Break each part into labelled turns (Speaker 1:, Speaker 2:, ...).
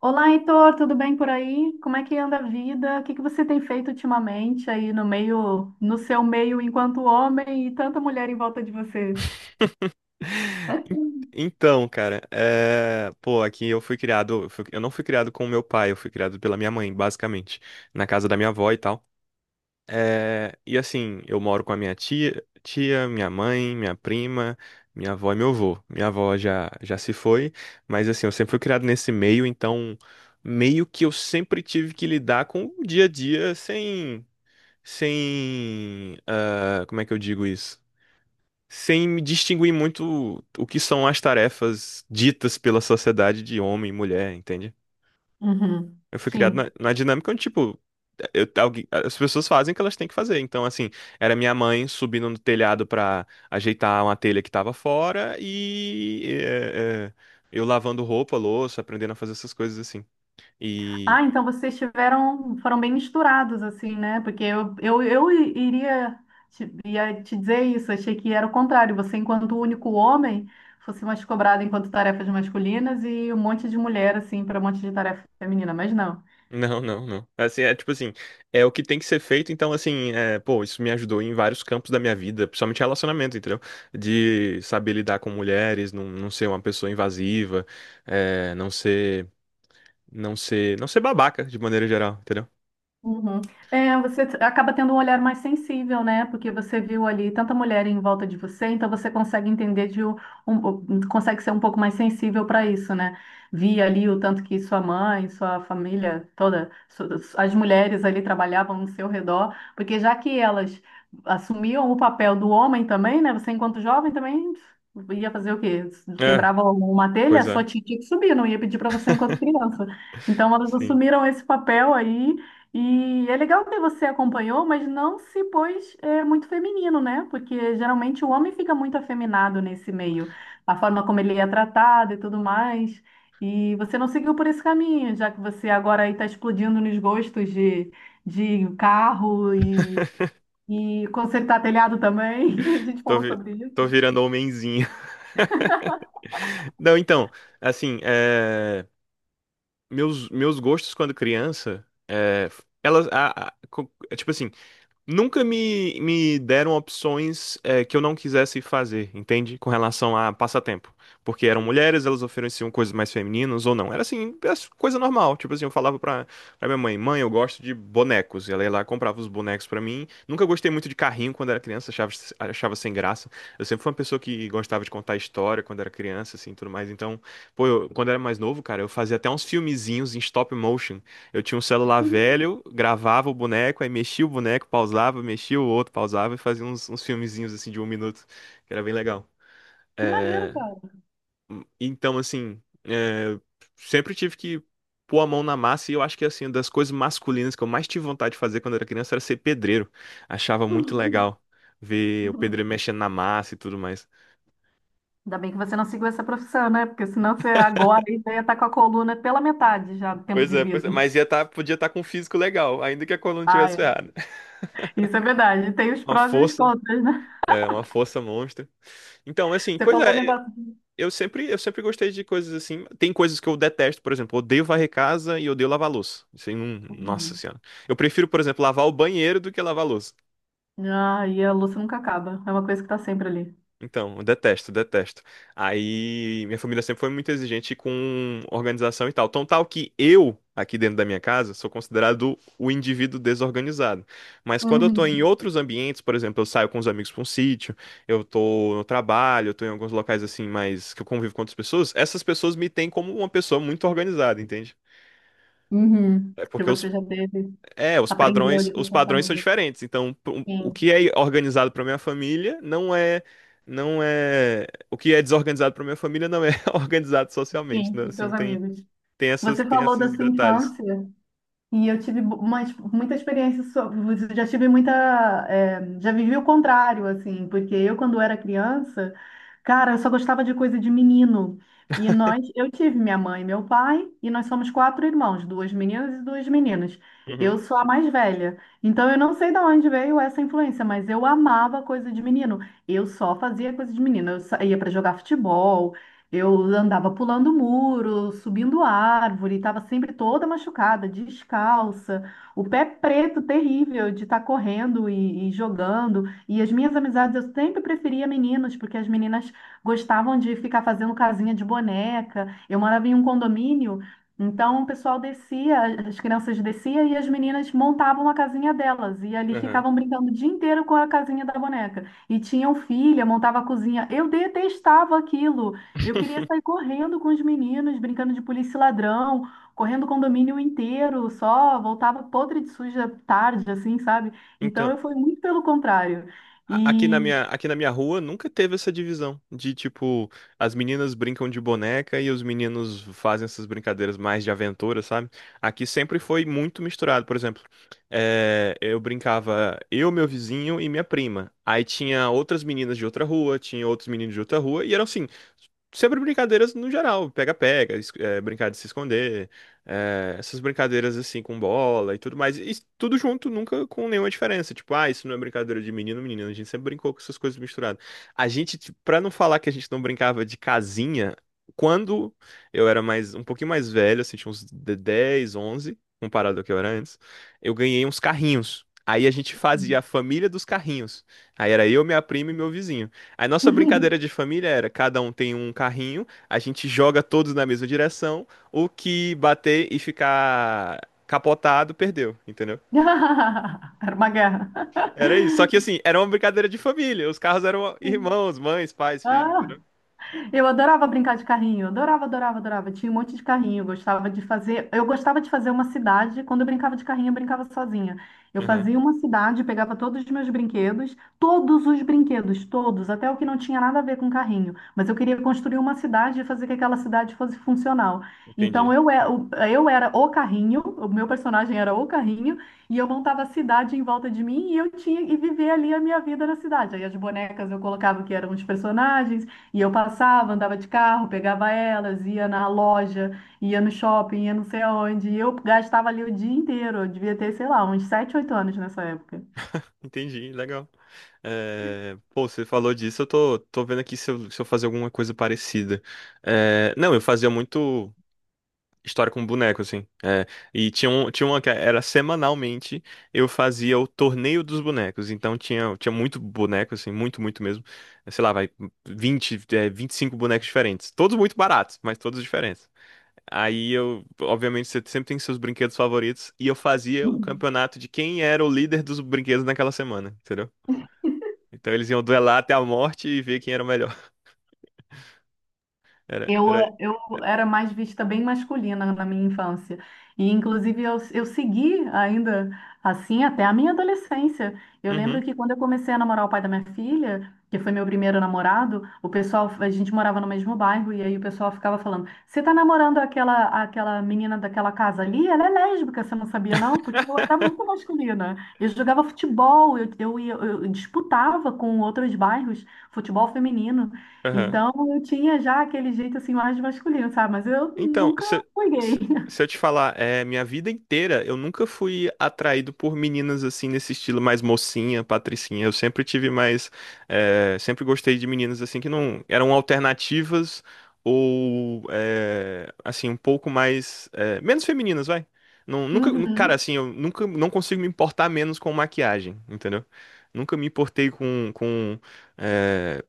Speaker 1: Olá, Heitor, tudo bem por aí? Como é que anda a vida? O que que você tem feito ultimamente aí no meio, no seu meio enquanto homem e tanta mulher em volta de você?
Speaker 2: En- Então, cara, é, pô, aqui eu fui criado, eu não fui criado com o meu pai, eu fui criado pela minha mãe, basicamente, na casa da minha avó e tal. É, e assim, eu moro com a minha tia, minha mãe, minha prima, minha avó e meu avô. Minha avó já se foi, mas assim, eu sempre fui criado nesse meio, então meio que eu sempre tive que lidar com o dia a dia sem, como é que eu digo isso? Sem me distinguir muito o que são as tarefas ditas pela sociedade de homem e mulher, entende?
Speaker 1: Uhum.
Speaker 2: Eu fui criado na,
Speaker 1: Sim.
Speaker 2: na dinâmica onde, tipo, as pessoas fazem o que elas têm que fazer. Então, assim, era minha mãe subindo no telhado pra ajeitar uma telha que tava fora e eu lavando roupa, louça, aprendendo a fazer essas coisas assim.
Speaker 1: Ah, então vocês tiveram, foram bem misturados assim, né? Porque eu iria ia te dizer isso, achei que era o contrário. Você, enquanto único homem, fosse mais cobrado enquanto tarefas masculinas e um monte de mulher assim para um monte de tarefa feminina, mas não.
Speaker 2: Não, não, não. Assim, é tipo assim, é o que tem que ser feito, então assim, é, pô, isso me ajudou em vários campos da minha vida, principalmente relacionamento, entendeu? De saber lidar com mulheres, não ser uma pessoa invasiva, é, não ser babaca de maneira geral, entendeu?
Speaker 1: Uhum. Você acaba tendo um olhar mais sensível, né? Porque você viu ali tanta mulher em volta de você, então você consegue entender de um, consegue ser um pouco mais sensível para isso, né? Vi ali o tanto que sua mãe, sua família toda, as mulheres ali trabalhavam no seu redor, porque já que elas assumiam o papel do homem também, né? Você enquanto jovem também ia fazer o quê?
Speaker 2: É,
Speaker 1: Quebrava uma telha,
Speaker 2: pois
Speaker 1: sua
Speaker 2: é.
Speaker 1: tia tinha que subir, não ia pedir para você enquanto criança. Então elas
Speaker 2: Sim.
Speaker 1: assumiram esse papel aí e é legal que você acompanhou, mas não se pôs muito feminino, né? Porque geralmente o homem fica muito afeminado nesse meio, a forma como ele é tratado e tudo mais. E você não seguiu por esse caminho, já que você agora aí está explodindo nos gostos de carro e consertar telhado também. A gente
Speaker 2: Tô,
Speaker 1: falou sobre
Speaker 2: tô
Speaker 1: isso.
Speaker 2: virando homenzinho. Não, então, assim, é, meus gostos quando criança, é, elas, é tipo assim, nunca me deram opções que eu não quisesse fazer, entende? Com relação a passatempo. Porque eram mulheres, elas ofereciam coisas mais femininas ou não. Era assim, era coisa normal. Tipo assim, eu falava pra minha mãe, mãe, eu gosto de bonecos. E ela ia lá, comprava os bonecos pra mim. Nunca gostei muito de carrinho quando era criança, achava sem graça. Eu sempre fui uma pessoa que gostava de contar história quando era criança, assim, tudo mais. Então, pô, quando era mais novo, cara, eu fazia até uns filmezinhos em stop motion, eu tinha um celular velho, gravava o boneco, aí mexia o boneco, pausava, mexia o outro, pausava e fazia uns filmezinhos assim de um minuto, que era bem legal.
Speaker 1: Que maneiro,
Speaker 2: É,
Speaker 1: cara.
Speaker 2: então, assim, é, sempre tive que pôr a mão na massa e eu acho que, assim, uma das coisas masculinas que eu mais tive vontade de fazer quando era criança era ser pedreiro. Achava muito legal ver o pedreiro mexendo na massa e tudo mais.
Speaker 1: Ainda bem que você não seguiu essa profissão, né? Porque senão você agora aí já ia estar com a coluna pela metade já do tempo de
Speaker 2: Pois é,
Speaker 1: vida.
Speaker 2: mas ia tá, podia estar com um físico legal, ainda que a coluna tivesse
Speaker 1: Ai,
Speaker 2: ferrada.
Speaker 1: isso é verdade. Tem os
Speaker 2: Uma
Speaker 1: prós e os
Speaker 2: força,
Speaker 1: contras, né?
Speaker 2: é, uma força monstra. Então, assim,
Speaker 1: Você
Speaker 2: pois
Speaker 1: falou um
Speaker 2: é.
Speaker 1: negócio.
Speaker 2: Eu sempre gostei de coisas assim. Tem coisas que eu detesto, por exemplo, eu odeio varrer casa e eu odeio lavar louça. Isso aí não, nossa
Speaker 1: Uhum.
Speaker 2: senhora. Eu prefiro, por exemplo, lavar o banheiro do que lavar louça.
Speaker 1: Ah, e a louça nunca acaba. É uma coisa que tá sempre ali.
Speaker 2: Então, eu detesto, detesto. Aí, minha família sempre foi muito exigente com organização e tal. Tão tal que eu, aqui dentro da minha casa, sou considerado o indivíduo desorganizado. Mas quando eu tô em
Speaker 1: Uhum.
Speaker 2: outros ambientes, por exemplo, eu saio com os amigos pra um sítio, eu tô no trabalho, eu tô em alguns locais assim, mas que eu convivo com outras pessoas, essas pessoas me têm como uma pessoa muito organizada, entende?
Speaker 1: Uhum.
Speaker 2: É
Speaker 1: Que
Speaker 2: porque eu,
Speaker 1: você já teve,
Speaker 2: é, os
Speaker 1: aprendeu
Speaker 2: padrões,
Speaker 1: ali com
Speaker 2: os
Speaker 1: a sua
Speaker 2: padrões são
Speaker 1: família.
Speaker 2: diferentes. Então, o
Speaker 1: Sim,
Speaker 2: que é organizado para minha família não é, não é, o que é desorganizado para minha família não é organizado socialmente,
Speaker 1: sim,
Speaker 2: né?
Speaker 1: com
Speaker 2: Assim,
Speaker 1: seus
Speaker 2: tem,
Speaker 1: amigos.
Speaker 2: tem essas,
Speaker 1: Você
Speaker 2: tem
Speaker 1: falou da
Speaker 2: esses
Speaker 1: sua
Speaker 2: detalhes.
Speaker 1: infância. E eu tive uma, muita experiência sobre, já tive muita, já vivi o contrário, assim, porque eu, quando era criança, cara, eu só gostava de coisa de menino. E nós, eu tive minha mãe e meu pai, e nós somos quatro irmãos, duas meninas e duas meninas. Eu
Speaker 2: Uhum,
Speaker 1: sou a mais velha. Então eu não sei de onde veio essa influência, mas eu amava coisa de menino. Eu só fazia coisa de menino. Eu ia para jogar futebol, eu andava pulando muro, subindo árvore, estava sempre toda machucada, descalça, o pé preto terrível de estar correndo e jogando. E as minhas amizades eu sempre preferia meninos, porque as meninas gostavam de ficar fazendo casinha de boneca. Eu morava em um condomínio, então o pessoal descia, as crianças desciam e as meninas montavam a casinha delas. E ali
Speaker 2: aham.
Speaker 1: ficavam brincando o dia inteiro com a casinha da boneca. E tinham filha, montava a cozinha. Eu detestava aquilo. Eu queria sair correndo com os meninos, brincando de polícia e ladrão, correndo o condomínio inteiro, só voltava podre de suja tarde, assim, sabe? Então
Speaker 2: Então,
Speaker 1: eu fui muito pelo contrário.
Speaker 2: aqui na
Speaker 1: E.
Speaker 2: minha, aqui na minha rua nunca teve essa divisão de tipo, as meninas brincam de boneca e os meninos fazem essas brincadeiras mais de aventura, sabe? Aqui sempre foi muito misturado. Por exemplo, eu brincava eu, meu vizinho e minha prima. Aí tinha outras meninas de outra rua, tinha outros meninos de outra rua, e eram assim, sempre brincadeiras no geral, pega-pega, brincar de se esconder, é, essas brincadeiras assim com bola e tudo mais. E tudo junto, nunca com nenhuma diferença. Tipo, ah, isso não é brincadeira de menino, menina. A gente sempre brincou com essas coisas misturadas. A gente, tipo, pra não falar que a gente não brincava de casinha, quando eu era mais, um pouquinho mais velho, assim, tinha uns 10, 11, comparado ao que eu era antes, eu ganhei uns carrinhos. Aí a gente fazia a família dos carrinhos. Aí era eu, minha prima e meu vizinho. Aí nossa brincadeira de família era, cada um tem um carrinho, a gente joga todos na mesma direção, o que bater e ficar capotado perdeu, entendeu?
Speaker 1: Era uma guerra.
Speaker 2: Era isso. Só que assim, era uma brincadeira de família. Os carros eram
Speaker 1: Sim.
Speaker 2: irmãos, mães, pais, filhos,
Speaker 1: Ah,
Speaker 2: entendeu?
Speaker 1: Eu adorava brincar de carrinho, adorava, adorava, adorava. Tinha um monte de carrinho, eu gostava de fazer. Eu gostava de fazer uma cidade. Quando eu brincava de carrinho, eu brincava sozinha. Eu
Speaker 2: Aham,
Speaker 1: fazia uma cidade, pegava todos os meus brinquedos, todos os brinquedos, todos, até o que não tinha nada a ver com carrinho. Mas eu queria construir uma cidade e fazer que aquela cidade fosse funcional. Então
Speaker 2: entendi.
Speaker 1: eu, eu era o carrinho, o meu personagem era o carrinho, e eu montava a cidade em volta de mim e eu tinha e vivia ali a minha vida na cidade. Aí as bonecas eu colocava que eram os personagens. E eu passava, andava de carro, pegava elas, ia na loja, ia no shopping, ia não sei aonde. E eu gastava ali o dia inteiro. Eu devia ter, sei lá, uns 7 8 anos nessa época.
Speaker 2: Entendi, legal. É, pô, você falou disso, eu tô vendo aqui se eu fazer alguma coisa parecida. É, não, eu fazia muito. História com boneco, assim. É. E tinha, tinha uma que era semanalmente, eu fazia o torneio dos bonecos. Então tinha muito boneco, assim, muito, muito mesmo. Sei lá, vai 25 bonecos diferentes. Todos muito baratos, mas todos diferentes. Aí eu, obviamente, você sempre tem seus brinquedos favoritos. E eu fazia o campeonato de quem era o líder dos brinquedos naquela semana, entendeu? Então eles iam duelar até a morte e ver quem era o melhor. Era,
Speaker 1: Eu,
Speaker 2: era...
Speaker 1: eu era mais vista bem masculina na minha infância. E, inclusive, eu segui ainda assim até a minha adolescência. Eu lembro
Speaker 2: Uhum.
Speaker 1: que quando eu comecei a namorar o pai da minha filha, que foi meu primeiro namorado, o pessoal, a gente morava no mesmo bairro, e aí o pessoal ficava falando: "Você tá namorando aquela menina daquela casa ali? Ela é lésbica, você não sabia, não?" Porque eu era muito masculina. Eu jogava futebol, eu disputava com outros bairros futebol feminino. Então eu tinha já aquele jeito assim mais masculino, sabe? Mas eu
Speaker 2: Então,
Speaker 1: nunca
Speaker 2: se,
Speaker 1: fui gay.
Speaker 2: se, se eu te falar, é, minha vida inteira eu nunca fui atraído por meninas assim nesse estilo mais mocinha, patricinha. Eu sempre tive mais, sempre gostei de meninas assim que não eram alternativas ou assim um pouco mais menos femininas, vai. Não, nunca, cara,
Speaker 1: Uhum,
Speaker 2: assim, eu nunca não consigo me importar menos com maquiagem, entendeu? Nunca me importei com é,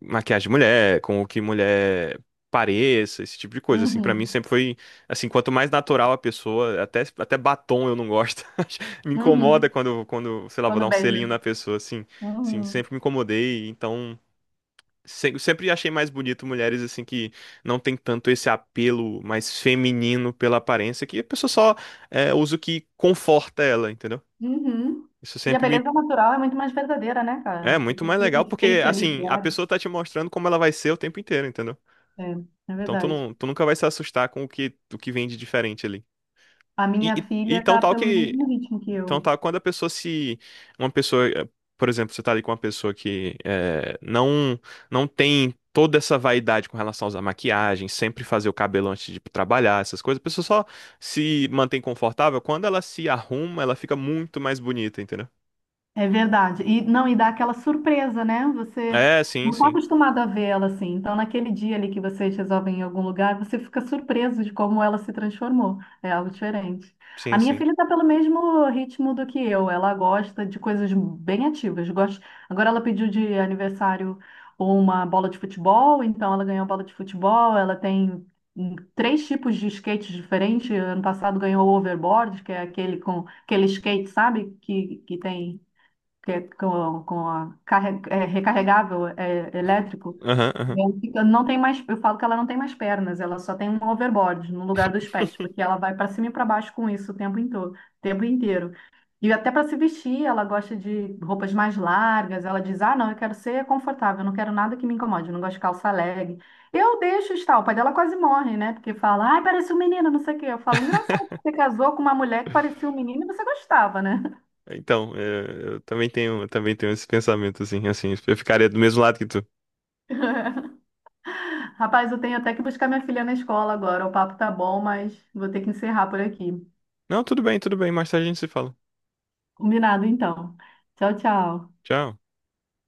Speaker 2: maquiagem de mulher, com o que mulher pareça, esse tipo de coisa, assim, pra mim
Speaker 1: uhum,
Speaker 2: sempre foi, assim, quanto mais natural a pessoa, até batom eu não gosto, me incomoda
Speaker 1: uhum.
Speaker 2: quando, sei lá, vou dar
Speaker 1: Quando
Speaker 2: um selinho
Speaker 1: beija.
Speaker 2: na pessoa, assim, assim,
Speaker 1: Uhum,
Speaker 2: sempre me incomodei, então... Sempre achei mais bonito mulheres assim que não tem tanto esse apelo mais feminino pela aparência, que a pessoa só usa o que conforta ela, entendeu?
Speaker 1: uhum.
Speaker 2: Isso
Speaker 1: E a
Speaker 2: sempre me
Speaker 1: beleza natural é muito mais verdadeira, né,
Speaker 2: é
Speaker 1: cara? Do
Speaker 2: muito
Speaker 1: que
Speaker 2: mais legal,
Speaker 1: aquilo
Speaker 2: porque
Speaker 1: fake ali
Speaker 2: assim, a
Speaker 1: criado.
Speaker 2: pessoa tá te mostrando como ela vai ser o tempo inteiro, entendeu?
Speaker 1: É, é
Speaker 2: Então tu,
Speaker 1: verdade.
Speaker 2: não, tu nunca vai se assustar com o que vem de diferente ali.
Speaker 1: A minha
Speaker 2: E, e
Speaker 1: filha
Speaker 2: tão
Speaker 1: tá
Speaker 2: tal
Speaker 1: pelo
Speaker 2: que.
Speaker 1: mesmo ritmo que
Speaker 2: Tão
Speaker 1: eu.
Speaker 2: tal quando a pessoa se. Uma pessoa. Por exemplo, você tá ali com uma pessoa que não, não tem toda essa vaidade com relação a usar maquiagem, sempre fazer o cabelo antes de ir trabalhar, essas coisas. A pessoa só se mantém confortável. Quando ela se arruma, ela fica muito mais bonita, entendeu?
Speaker 1: É verdade. E não, e dá aquela surpresa, né? Você
Speaker 2: É, sim,
Speaker 1: não está
Speaker 2: sim.
Speaker 1: acostumado a vê-la assim. Então, naquele dia ali que vocês resolvem ir em algum lugar, você fica surpreso de como ela se transformou. É algo diferente. A
Speaker 2: Sim,
Speaker 1: minha
Speaker 2: sim.
Speaker 1: filha está pelo mesmo ritmo do que eu. Ela gosta de coisas bem ativas. Gosta... Agora ela pediu de aniversário uma bola de futebol, então ela ganhou a bola de futebol. Ela tem três tipos de skates diferentes. Ano passado ganhou o overboard, que é aquele com aquele skate, sabe? Que tem que é com a recarregável elétrico,
Speaker 2: Aham, aham.
Speaker 1: não tem mais, eu falo que ela não tem mais pernas, ela só tem um overboard no lugar dos pés, porque ela vai para cima e para baixo com isso o tempo inteiro, tempo inteiro. E até para se vestir, ela gosta de roupas mais largas, ela diz: "Ah, não, eu quero ser confortável, eu não quero nada que me incomode, eu não gosto de calça leg". Eu deixo estar, o pai dela quase morre, né? Porque fala: "Ai, parece um menino, não sei o quê". Eu falo: "Engraçado, você casou com uma mulher que parecia um menino e você gostava, né?"
Speaker 2: Então, eu também tenho esse pensamento, assim, eu ficaria do mesmo lado que tu.
Speaker 1: Rapaz, eu tenho até que buscar minha filha na escola agora. O papo tá bom, mas vou ter que encerrar por aqui.
Speaker 2: Não, tudo bem, tudo bem. Mais tarde a gente se fala.
Speaker 1: Combinado, então. Tchau, tchau.
Speaker 2: Tchau.